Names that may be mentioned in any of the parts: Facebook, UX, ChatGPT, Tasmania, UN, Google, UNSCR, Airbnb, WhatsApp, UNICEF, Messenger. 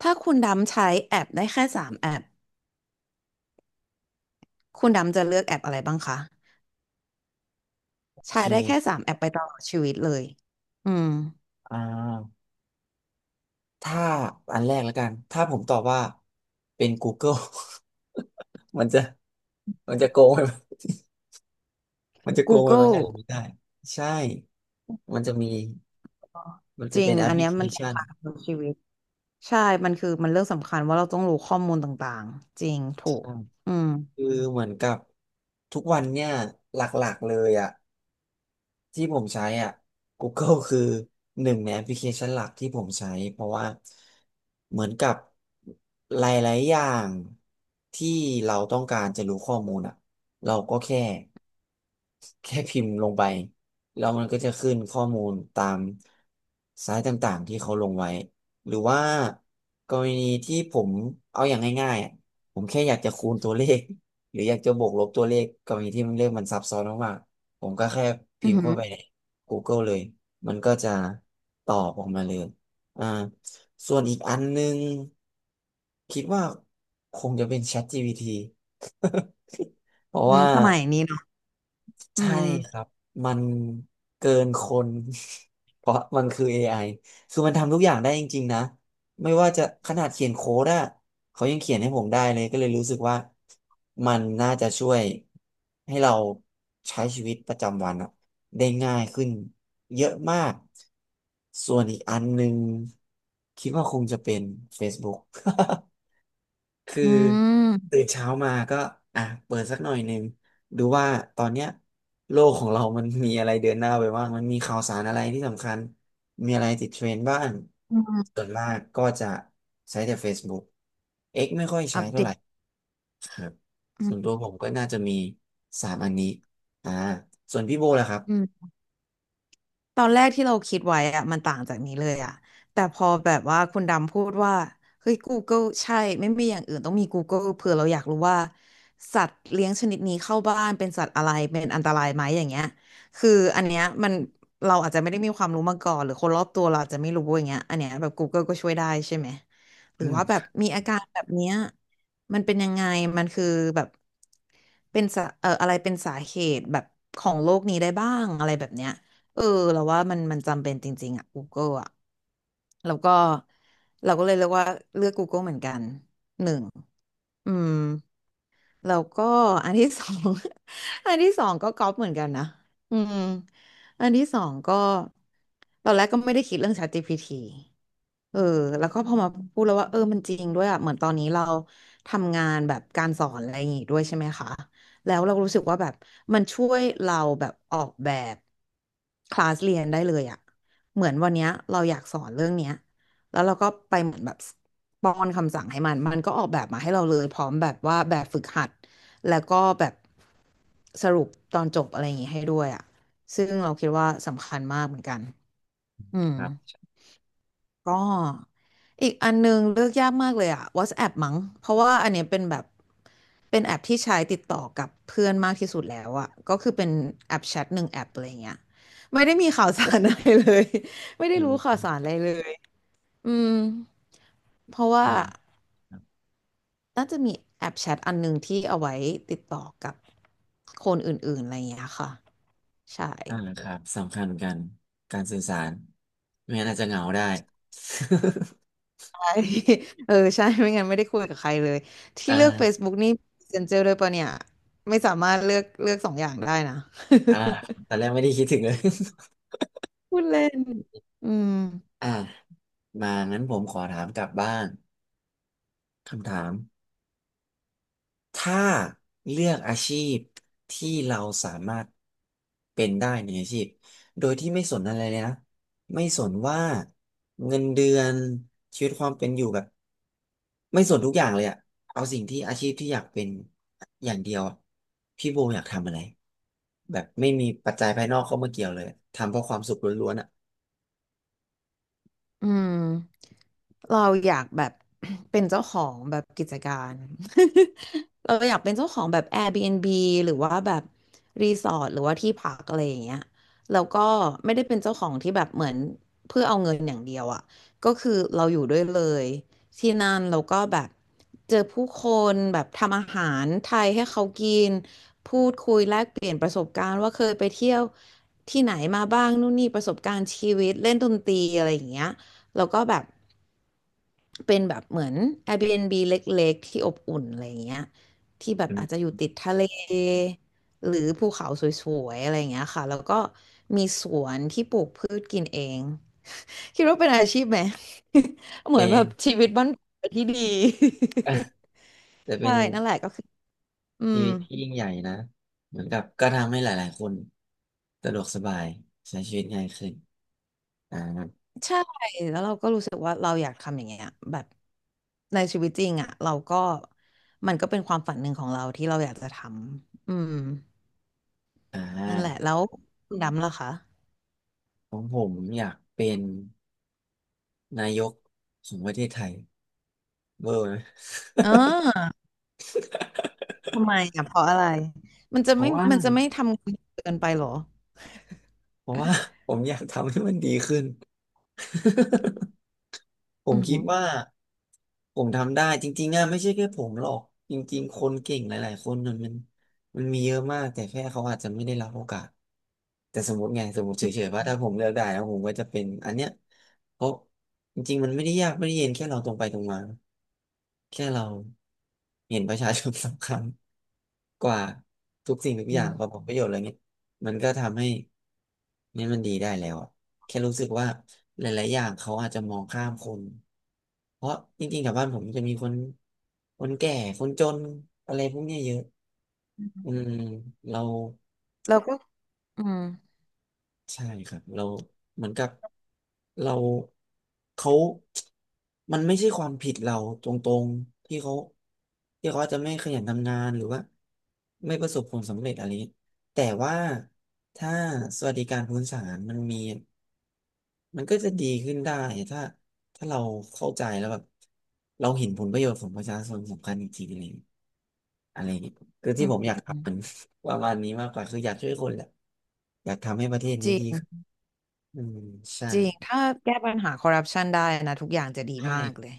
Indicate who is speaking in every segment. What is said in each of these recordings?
Speaker 1: ถ้าคุณดำใช้แอปได้แค่สามแอปคุณดำจะเลือกแอปอะไรบ้างคะ
Speaker 2: โอเ
Speaker 1: ใช้ได้แค่
Speaker 2: ค
Speaker 1: สามแอปไปตลอดชีวิตเลยอืม
Speaker 2: อ่าถ้าอันแรกแล้วกัน ถ้าผมตอบว่าเป็น Google มันจะ โกงไปไหม มันจะโกงไปไหมอะไร
Speaker 1: Google
Speaker 2: ไม่ได้ใช่มันจะมีมัน
Speaker 1: จ
Speaker 2: จะ
Speaker 1: ริ
Speaker 2: เป็
Speaker 1: ง
Speaker 2: นแอป
Speaker 1: อั
Speaker 2: พ
Speaker 1: น
Speaker 2: ลิ
Speaker 1: เนี้ย
Speaker 2: เค
Speaker 1: มัน
Speaker 2: ชัน
Speaker 1: สำคัญกับชีวิตใช่มันคือมันเรื่องสำคัญว่าเราต้องรู้ข้อมูลต่างๆจริงถูก
Speaker 2: ใช่
Speaker 1: อืม
Speaker 2: คือเหมือนกับทุกวันเนี่ยหลักๆเลยอ่ะ ที่ผมใช้อ่ะ Google คือหนึ่งในแอปพลิเคชันหลักที่ผมใช้เพราะว่าเหมือนกับหลายๆอย่างที่เราต้องการจะรู้ข้อมูลอ่ะเราก็แค่พิมพ์ลงไปแล้วมันก็จะขึ้นข้อมูลตามไซต์ต่างๆที่เขาลงไว้หรือว่ากรณีที่ผมเอาอย่างง่ายๆอะผมแค่อยากจะคูณตัวเลขหรืออยากจะบวกลบตัวเลขกรณีที่มันเลขมันซับซ้อนมาก ผมก็แค่
Speaker 1: อื
Speaker 2: พิ
Speaker 1: อ
Speaker 2: มพ์
Speaker 1: หือ
Speaker 2: เข้าไปใน Google เลย มันก็จะตอบออกมาเลย อ่าส่วนอีกอันนึงคิดว่าคงจะเป็น ChatGPT เพราะ
Speaker 1: อืม
Speaker 2: ว่า
Speaker 1: สมัยนี้เนาะอื
Speaker 2: ใช่
Speaker 1: ม
Speaker 2: ครับมันเกินคน เพราะมันคือ AI คือมันทำทุกอย่างได้จริงๆนะไม่ว่าจะขนาดเขียนโค้ดอะเขายังเขียนให้ผมได้เลยก็เลยรู้สึกว่ามันน่าจะช่วยให้เราใช้ชีวิตประจำวันอะได้ง่ายขึ้นเยอะมากส่วนอีกอันหนึ่งคิดว่าคงจะเป็น Facebook คือ
Speaker 1: อื
Speaker 2: ตื่
Speaker 1: ม
Speaker 2: นเช้ามาก็อ่ะเปิดสักหน่อยหนึ่งดูว่าตอนเนี้ยโลกของเรามันมีอะไรเดินหน้าไปบ้างมันมีข่าวสารอะไรที่สำคัญมีอะไรติดเทรนด์บ้างส่วนมากก็จะใช้แต่ Facebook X ไม่ค่อยใช้
Speaker 1: อัป
Speaker 2: เท่า
Speaker 1: เด
Speaker 2: ไห
Speaker 1: ต
Speaker 2: ร่ครับ
Speaker 1: อื
Speaker 2: ส่วนตัว
Speaker 1: ม
Speaker 2: ผมก็น่าจะมีสามอันนี้อ่าส่วนพี่โบล่ะครับ
Speaker 1: อืม ตอนแรกที่เราคิดไว้อะมันต่างจากนี้เลยอะแต่พอแบบว่าคุณดำพูดว่าเฮ้ย Google ใช่ไม่มีอย่างอื่นต้องมี Google เผื่อเราอยากรู้ว่าสัตว์เลี้ยงชนิดนี้เข้าบ้านเป็นสัตว์อะไรเป็นอันตรายไหมอย่างเงี้ยคืออันเนี้ยมันเราอาจจะไม่ได้มีความรู้มาก่อนหรือคนรอบตัวเราอาจจะไม่รู้อย่างเงี้ยอันเนี้ยแบบ Google ก็ช่วยได้ใช่ไหมหรื
Speaker 2: อื
Speaker 1: อว่าแบ
Speaker 2: ม
Speaker 1: บมีอาการแบบเนี้ยมันเป็นยังไงมันคือแบบเป็นสาอะไรเป็นสาเหตุแบบของโรคนี้ได้บ้างอะไรแบบเนี้ย เออเราว่ามันจำเป็นจริงๆอ่ะ Google อ่ะแล้วก็เราก็เลยเลือกว่าเลือก Google เหมือนกันหนึ่งอืม แล้วก็อันที่สอง อันที่สองก็ก๊อปเหมือนกันนะอืมอันที่สองก็ตอนแรกก็ไม่ได้คิดเรื่อง ChatGPT เออแล้วก็พอมาพูดแล้วว่าเออมันจริงด้วยอ่ะเหมือนตอนนี้เราทำงานแบบการสอนอะไรอย่างงี้ด้วยใช่ไหมคะแล้วเรารู้สึกว่าแบบมันช่วยเราแบบออกแบบคลาสเรียนได้เลยอ่ะเหมือนวันเนี้ยเราอยากสอนเรื่องเนี้ย แล้วเราก็ไปเหมือนแบบป้อนคำสั่งให้มัน มันก็ออกแบบมาให้เราเลยพร้อมแบบว่าแบบฝึกหัดแล้วก็แบบสรุปตอนจบอะไรอย่างงี้ให้ด้วยอ่ะซึ่งเราคิดว่าสำคัญมากเหมือนกันอืมก็อีกอันนึงเลือกยากมากเลยอ่ะ WhatsApp มั้งเพราะว่าอันเนี้ยเป็นแบบเป็นแอปที่ใช้ติดต่อกับเพื่อนมากที่สุดแล้วอ่ะก็คือเป็นแอปแชทหนึ่งแอปอะไรอย่เงี้ยไม่ได้มีข่าวสารอะไรเลย ไม่ได้
Speaker 2: อื
Speaker 1: รู้ข่าว
Speaker 2: ม
Speaker 1: สารอะไรเลย อืมเพราะว่า
Speaker 2: อ่าครับ
Speaker 1: น่าจะมีแอปแชทอันหนึ่งที่เอาไว้ติดต่อกับคนอื่นๆอะไรอย่างเงี้ยค่ะใช่
Speaker 2: อ่าครับสำคัญเหมือนกันการสื่อสารไม่งั้นอาจจะเหงาได้
Speaker 1: ใช่ เออใช่ไม่งั้นไม่ได้คุยกับใครเลย
Speaker 2: อ
Speaker 1: ที่เลือก
Speaker 2: ่า
Speaker 1: Facebook นี่ Messenger ด้วยปะเนี่ยไม่สามารถเลือกสองอย่างได้นะ
Speaker 2: อ่าตอน แรกไม่ได้คิดถึงเลย
Speaker 1: พูดเล่นอืม
Speaker 2: อ่ามางั้นผมขอถามกลับบ้างคำถามถ้าเลือกอาชีพที่เราสามารถเป็นได้ในอาชีพโดยที่ไม่สนอะไรเลยนะไม่สนว่าเงินเดือนชีวิตความเป็นอยู่แบบไม่สนทุกอย่างเลยอะเอาสิ่งที่อาชีพที่อยากเป็นอย่างเดียวอะพี่โบอยากทำอะไรแบบไม่มีปัจจัยภายนอกเข้ามาเกี่ยวเลยทำเพราะความสุขล้วนๆอ่ะ
Speaker 1: อืม เราอยากแบบ เป็นเจ้าของแบบกิจการ เราอยากเป็นเจ้าของแบบ Airbnb หรือว่าแบบรีสอร์ทหรือว่าที่พักอะไรอย่างเงี้ย แล้วก็ไม่ได้เป็นเจ้าของที่แบบเหมือนเพื่อเอาเงินอย่างเดียวอ่ะ ก็คือเราอยู่ด้วยเลย ที่นั่นแล้วก็แบบเจอผู้คนแบบทำอาหารไทยให้เขากินพูดคุยแลกเปลี่ยนประสบการณ์ว่าเคยไปเที่ยวที่ไหนมาบ้างนู่นนี่ประสบการณ์ชีวิตเล่นดนตรีอะไรอย่างเงี้ยแล้วก็แบบ เป็นแบบเหมือน Airbnb เล็กๆ ที่อบอุ่นอะไรอย่างเงี้ยที่แบบ
Speaker 2: อื
Speaker 1: อาจจะ
Speaker 2: ม
Speaker 1: อยู่ติดทะเลหรือภูเขาสวยๆอะไรอย่างเงี้ยค่ะแล้วก็มีสวนที่ปลูกพืชกินเองคิดว่าเป็นอาชีพไหม เหมือน
Speaker 2: เป็
Speaker 1: แบ
Speaker 2: น
Speaker 1: บชีวิตบ้านที่ดี
Speaker 2: แต่เป็
Speaker 1: ใช่
Speaker 2: น
Speaker 1: นั่นแหละก็คืออื
Speaker 2: ชี
Speaker 1: ม
Speaker 2: วิตที่ยิ่งใหญ่นะ เหมือนกับก็ทำให้หลายๆ คนสะดวกสบายใช้ชีวิตง่ายขึ้น อ่า
Speaker 1: ใช่แล้วเราก็รู้สึกว่าเราอยากทำอย่างเงี้ยแบบในชีวิตจริงอ่ะเราก็มันก็เป็นความฝันหนึ่งของเราที่เราอยากจะทำอืม
Speaker 2: อ่
Speaker 1: นั่นแหละ
Speaker 2: า
Speaker 1: แล้วคุณดำล่ะคะ
Speaker 2: ของผมอยากเป็นนายกของประเทศไทยเบอร์ไหม
Speaker 1: เอ่ทำไมอ่ะเพราะอะไรมันจะ
Speaker 2: เพ
Speaker 1: ไม่
Speaker 2: ราะว่า
Speaker 1: มันจะไม่ทำงานเกินไปเหรอ
Speaker 2: เพราะว่า ผมอยากทำให้มันดีขึ้น ผ
Speaker 1: อื
Speaker 2: มคิด
Speaker 1: ม
Speaker 2: ว่าผมทำได้จริงๆอะไม่ใช่แค่ผมหรอกจริงๆคนเก่งหลายๆคนมันมีเยอะมากแต่แค่เขาอาจจะไม่ได้รับโอกาสแต่สมมติไงสมมติเฉ
Speaker 1: อืม
Speaker 2: ยๆว่าถ้าผมเลือกได้แล้วผมก็จะเป็นอันเนี้ยเพราะจริงๆมันไม่ได้ยากไม่ได้เย็นแค่เราตรงไปตรงมาแค่เราเห็นประชาชนสำคัญกว่าทุกสิ่งทุก
Speaker 1: อื
Speaker 2: อย่างกว่า
Speaker 1: ม
Speaker 2: ผลประโยชน์อะไรเงี้ยมันก็ทำให้นี่มันดีได้แล้ว แค่รู้สึกว่าหลายๆ อย่างเขาอาจจะมองข้ามคน เพราะจริงๆแถวบ้านผมจะมีคนคนแก่คนจนอะไรพวกเนี้ยเยอะอืมเรา
Speaker 1: แล้วก็อื
Speaker 2: ใช่ครับเราเหมือนกับเราเขามันไม่ใช่ความผิดเราตรงๆ ที่เขาอาจจะไม่ขยันทำงานหรือว่าไม่ประสบผลสำเร็จอะไรเงี้ยแต่ว่าถ้าสวัสดิการพื้นฐานมันมี มันก็จะดีขึ้นได้ถ้าถ้าเราเข้าใจแล้วแบบเราเห็นผลประโยชน์ของประชาชนสำคัญจริงๆอะไรอย่างเงี้ยอะไรอย่างเงี้ยคือ
Speaker 1: อื
Speaker 2: ที่
Speaker 1: ม
Speaker 2: ผมอยากอั
Speaker 1: อื
Speaker 2: พ
Speaker 1: ม
Speaker 2: เป็น ประมาณนี้มากกว่าคืออยากช่วยคนแหละอยากทำให้ประเทศ
Speaker 1: จ
Speaker 2: นี้
Speaker 1: ริ
Speaker 2: ดี
Speaker 1: ง
Speaker 2: ขึ้นอืมใช่
Speaker 1: จริงถ้าแก้ปัญหาคอร์รัปชันได้นะทุกอย่างจะดี
Speaker 2: ใช่
Speaker 1: มากเลย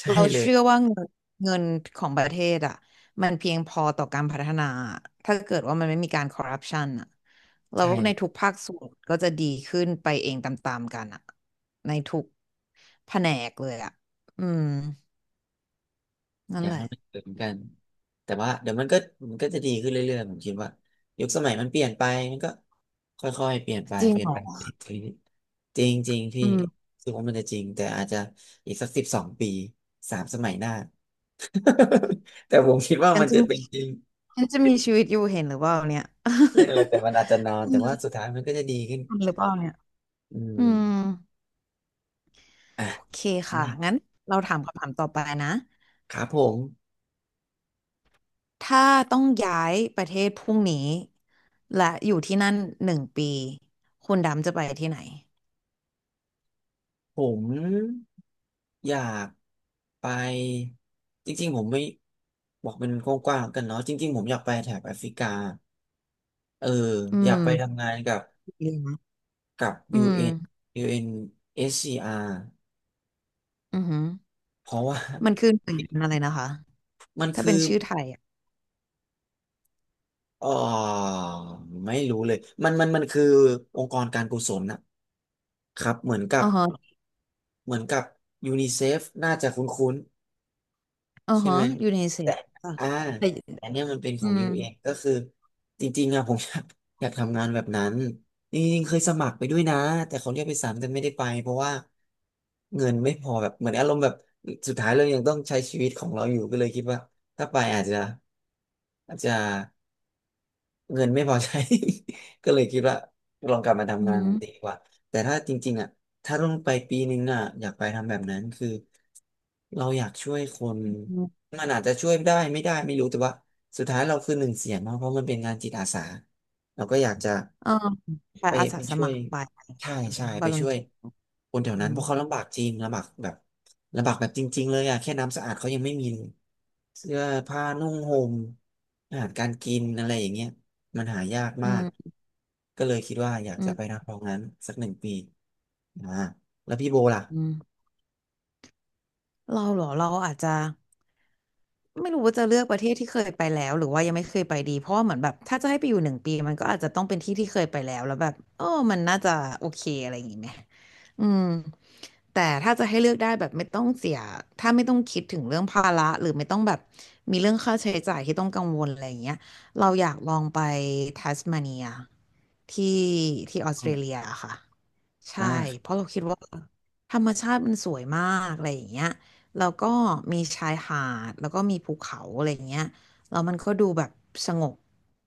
Speaker 2: ใช่
Speaker 1: เรา
Speaker 2: เลย
Speaker 1: เชื่อว่าเงินของประเทศอ่ะมันเพียงพอต่อการพัฒนาถ้าเกิดว่ามันไม่มีการคอร์รัปชันอ่ะเรา
Speaker 2: ใช่
Speaker 1: ว่าในทุกภาคส่วนก็จะดีขึ้นไปเองตามๆกันอ่ะในทุกแผนกเลยอ่ะอืม
Speaker 2: อ
Speaker 1: นั่น
Speaker 2: ยาก
Speaker 1: แห
Speaker 2: ให้
Speaker 1: ละ
Speaker 2: มันเกิดเหมือนกันแต่ว่าเดี๋ยวมันก็จะดีขึ้นเรื่อยๆผมคิดว่ายุคสมัยมันเปลี่ยนไปมันก็ค่อยๆเปลี่ยนไป
Speaker 1: จริง
Speaker 2: เปลี่ย
Speaker 1: เห
Speaker 2: น
Speaker 1: ร
Speaker 2: ไป
Speaker 1: อ
Speaker 2: เปลี่ยนไปจริงๆจริงๆพี่
Speaker 1: อืม
Speaker 2: คิดว่ามันจะจริงแต่อาจจะอีกสัก12 ปีสามสมัยหน้า แต่ผมคิดว่า
Speaker 1: ฉัน
Speaker 2: มัน
Speaker 1: จะ
Speaker 2: จะ
Speaker 1: มี
Speaker 2: เป็นจริง
Speaker 1: ฉันจะมีชีวิตอยู่เห็นหรือเปล่าเนี่ย
Speaker 2: นั่นแหละแต่ มันอาจจะนอน
Speaker 1: อื
Speaker 2: แต่ว่า
Speaker 1: ม
Speaker 2: สุดท้ายมันก็จะดีขึ้น
Speaker 1: เห็นหรือเปล่าเนี่ย
Speaker 2: อื
Speaker 1: อืม
Speaker 2: มอ่ะ
Speaker 1: โอเคค่ะ
Speaker 2: ไม่
Speaker 1: งั้นเราถามคำถามต่อไปนะ
Speaker 2: ครับผม
Speaker 1: ถ้าต้องย้ายประเทศพรุ่งนี้และอยู่ที่นั่นหนึ่งปีคุณดำจะไปที่ไหน
Speaker 2: ผม อยากไปจริงๆผมไม่บอกเป็นกว้างๆกันเนาะจริงๆผมอยากไปแถบแอฟริกาเออ
Speaker 1: อื
Speaker 2: อยากไป
Speaker 1: ม
Speaker 2: ทำงาน
Speaker 1: ดีนะ
Speaker 2: กับ
Speaker 1: อืม
Speaker 2: UN UNSCR เอ็นยูเอ็นเอสซีอาร์
Speaker 1: อือหือ
Speaker 2: เพราะว่า
Speaker 1: มันคือหน่วยงานอะไรนะคะ
Speaker 2: มัน
Speaker 1: ถ้า
Speaker 2: คือ
Speaker 1: เป็นชื่อไทยอ่ะ
Speaker 2: อ๋อไม่รู้เลยมันคือองค์กรการกุศลนะครับเหมือนกั
Speaker 1: อ๋
Speaker 2: บ
Speaker 1: อฮะ
Speaker 2: เหมือนกับยูนิเซฟน่าจะคุ้นๆ
Speaker 1: อ๋อ
Speaker 2: ใช่
Speaker 1: ฮะ
Speaker 2: ไหม
Speaker 1: ยูเนเซ
Speaker 2: แต่
Speaker 1: ฟอะ
Speaker 2: อ่า
Speaker 1: แต่
Speaker 2: แต่เนี่ยมันเป็นข
Speaker 1: อื
Speaker 2: อง
Speaker 1: ม
Speaker 2: UX กซ์ก็คือจริงๆอะผม อยากทำงานแบบนั้นจริงๆเคยสมัครไปด้วยนะแต่เขาเรียกไปสามแต่ไม่ได้ไปเพราะว่าเงินไม่พอแบบเหมือนอารมณ์แบบสุดท้ายเรายังต้องใช้ชีวิตของเราอยู่ก็เลยคิดว่าถ้าไปอาจจะอาจจะ เงินไม่พอใช้ ก็เลยคิดว่าลองกลับมา
Speaker 1: อื
Speaker 2: ทำงานของตี
Speaker 1: ม
Speaker 2: ดีกว่าแต่ถ้าจริงๆอ่ะถ้าต้องไปปีนึงอ่ะอยากไปทำแบบนั้นคือเราอยากช่วยคน
Speaker 1: อืม
Speaker 2: มันอาจจะช่วยได้ไม่ได้ไม่รู้แต่ว่าสุดท้ายเราคือหนึ่งเสียงเนาะเพราะมันเป็นงานจิตอาสาเราก็อยากจะ
Speaker 1: เออไปอา
Speaker 2: ไป
Speaker 1: สาส
Speaker 2: ช่ว
Speaker 1: มั
Speaker 2: ย
Speaker 1: ครไป
Speaker 2: ใช่ใช่
Speaker 1: นะว
Speaker 2: ไป
Speaker 1: อลน
Speaker 2: ช่วย
Speaker 1: เทีย
Speaker 2: คนแถว
Speaker 1: อื
Speaker 2: นั้นเพ
Speaker 1: ม
Speaker 2: ราะเขาลำบากจริงลำบากแบบลำบากแบบจริงๆเลยอ่ะแค่น้ำสะอาดเขายังไม่มีเลยเสื้อผ้านุ่งห่มอาหารการกินอะไรอย่างเงี้ย มันหายาก
Speaker 1: อื
Speaker 2: มาก
Speaker 1: ม
Speaker 2: ก็เลยคิดว่าอยากจะไปนำตรองนั้นสักหนึ่งปีอ่าแล้วพี่โบล่ะ
Speaker 1: อืม เราเหรอเราอาจจะไม่รู้ว่าจะเลือกประเทศที่เคยไปแล้วหรือว่ายังไม่เคยไปดีเพราะว่าเหมือนแบบถ้าจะให้ไปอยู่หนึ่งปีมันก็อาจจะต้องเป็นที่ที่เคยไปแล้วแล้วแบบเออมันน่าจะโอเคอะไรอย่างงี้ไหมอืมแต่ถ้าจะให้เลือกได้แบบไม่ต้องเสียถ้าไม่ต้องคิดถึงเรื่องภาระหรือไม่ต้องแบบมีเรื่องค่าใช้จ่ายที่ต้องกังวลอะไรอย่างเงี้ยเราอยากลองไปทัสมาเนียที่ที่ออสเต
Speaker 2: อ
Speaker 1: รเลีย
Speaker 2: ม
Speaker 1: ค่ะใช่เพ
Speaker 2: อ่า
Speaker 1: ราะเราคิดว่าธรรมชาติมันสวยมากอะไรอย่างเงี้ย แล้วก็มีชายหาดแล้วก็มีภูเขาอะไรอย่างเงี้ยแล้วมันก็ดูแบบสงบ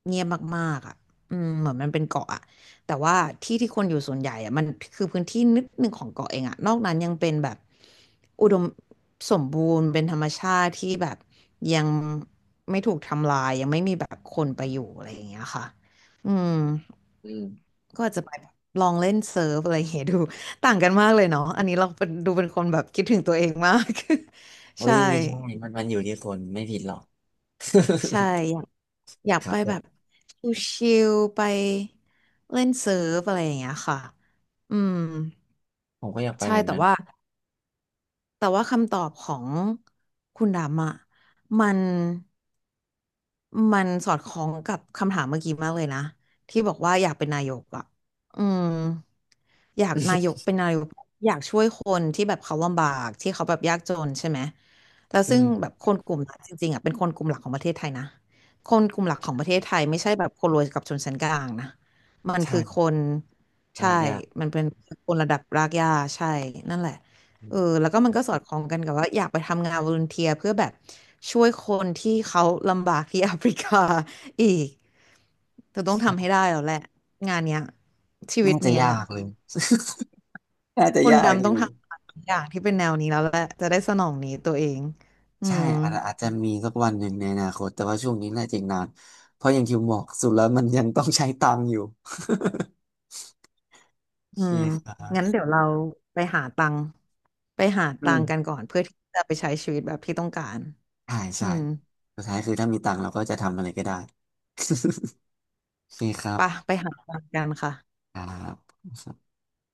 Speaker 1: เงียบมากๆอ่ะอืมเหมือนมันเป็นเกาะอะแต่ว่าที่ที่คนอยู่ส่วนใหญ่อะมันคือพื้นที่นิดหนึ่งของเกาะเองอะนอกนั้นยังเป็นแบบอุดมสมบูรณ์เป็นธรรมชาติที่แบบยังไม่ถูกทำลายยังไม่มีแบบคนไปอยู่อะไรอย่างเงี้ยค่ะอืม
Speaker 2: อืม
Speaker 1: ก็อาจจะไปลองเล่นเซิร์ฟอะไรอย่างเงี้ยดูต่างกันมากเลยเนาะอันนี้เราเป็นดูเป็นคนแบบคิดถึงตัวเองมาก
Speaker 2: เฮ้
Speaker 1: ใช่
Speaker 2: ยไม่ใช่มันอยู่ที่คนไม่ผิดหรอก
Speaker 1: ใช่อยาก
Speaker 2: ครั
Speaker 1: ไป
Speaker 2: บผ
Speaker 1: แบบ
Speaker 2: ม
Speaker 1: ชิลๆไปเล่นเซิร์ฟอะไรอย่างเงี้ยค่ะอืม
Speaker 2: ผมก็อยากไป
Speaker 1: ใช่
Speaker 2: แบบ
Speaker 1: แต่
Speaker 2: นั้น
Speaker 1: ว่า แต่ว่าคำตอบของคุณดำอ่ะมันมันสอดคล้องกับคำถามเมื่อกี้มากเลยนะที่บอกว่าอยากเป็นนายกอ่ะอืมอยากนายก เป็นนายกอยากช่วยคนที่แบบเขาลำบากที่เขาแบบยากจนใช่ไหมแล้ว
Speaker 2: อื
Speaker 1: ซึ่งแบ
Speaker 2: ม
Speaker 1: บคนกลุ่มนั้นจริงๆอ่ะเป็นคนกลุ่มหลักของประเทศไทยนะคนกลุ่มหลักของประเทศไทยไม่ใช่แบบคนรวยกับชนชั้นกลางนะมัน
Speaker 2: ใช่
Speaker 1: คือคนใช่
Speaker 2: ลากยาก
Speaker 1: มันเป็นคนระดับรากหญ้าใช่นั่นแหละ
Speaker 2: อ
Speaker 1: เออ
Speaker 2: ม
Speaker 1: แล้วก็มันก็สอดคล้องกันกับว่าอยากไปทำงานวอลันเทียเพื่อแบบช่วยคนที่เขาลำบากที่ แอฟริกาอีกเธอต้องทำให้ได้แล้วแหละงานเนี้ยชีวิต
Speaker 2: น่าจะ
Speaker 1: เนี้ย
Speaker 2: ยากเลยน่าจะ
Speaker 1: คน
Speaker 2: ยาก
Speaker 1: ดำ
Speaker 2: อ
Speaker 1: ต้อ
Speaker 2: ยู่
Speaker 1: งทำอย่างที่เป็นแนวนี้แล้วแหละจะได้สนองนี้ตัวเองอื
Speaker 2: ใช่
Speaker 1: ม
Speaker 2: อาจจะมีสักวันหนึ่งในอนาคตแต่ว่าช่วงนี้น่าจะอีกนานเพราะอย่างที่ผมบอกสุดแล้วมันยังต้องใช้ตังค์อยู่ โอ
Speaker 1: อื
Speaker 2: เค
Speaker 1: ม
Speaker 2: ครั
Speaker 1: งั้น
Speaker 2: บ
Speaker 1: เดี๋ยวเราไปหาตังค์ไปหา
Speaker 2: อื
Speaker 1: ตังค์กัน
Speaker 2: ม
Speaker 1: ก่อนเพื่อที่จะไปใช้ชีวิตแบบที่ต้องการ
Speaker 2: ใช่
Speaker 1: อื
Speaker 2: ใช่
Speaker 1: ม
Speaker 2: สุดท้ายคือถ้ามีตังค์เราก็จะทำอะไรก็ได้ โอเคครั
Speaker 1: ไปะ
Speaker 2: บ
Speaker 1: ไปหาตังค์กันค่ะ
Speaker 2: ครับ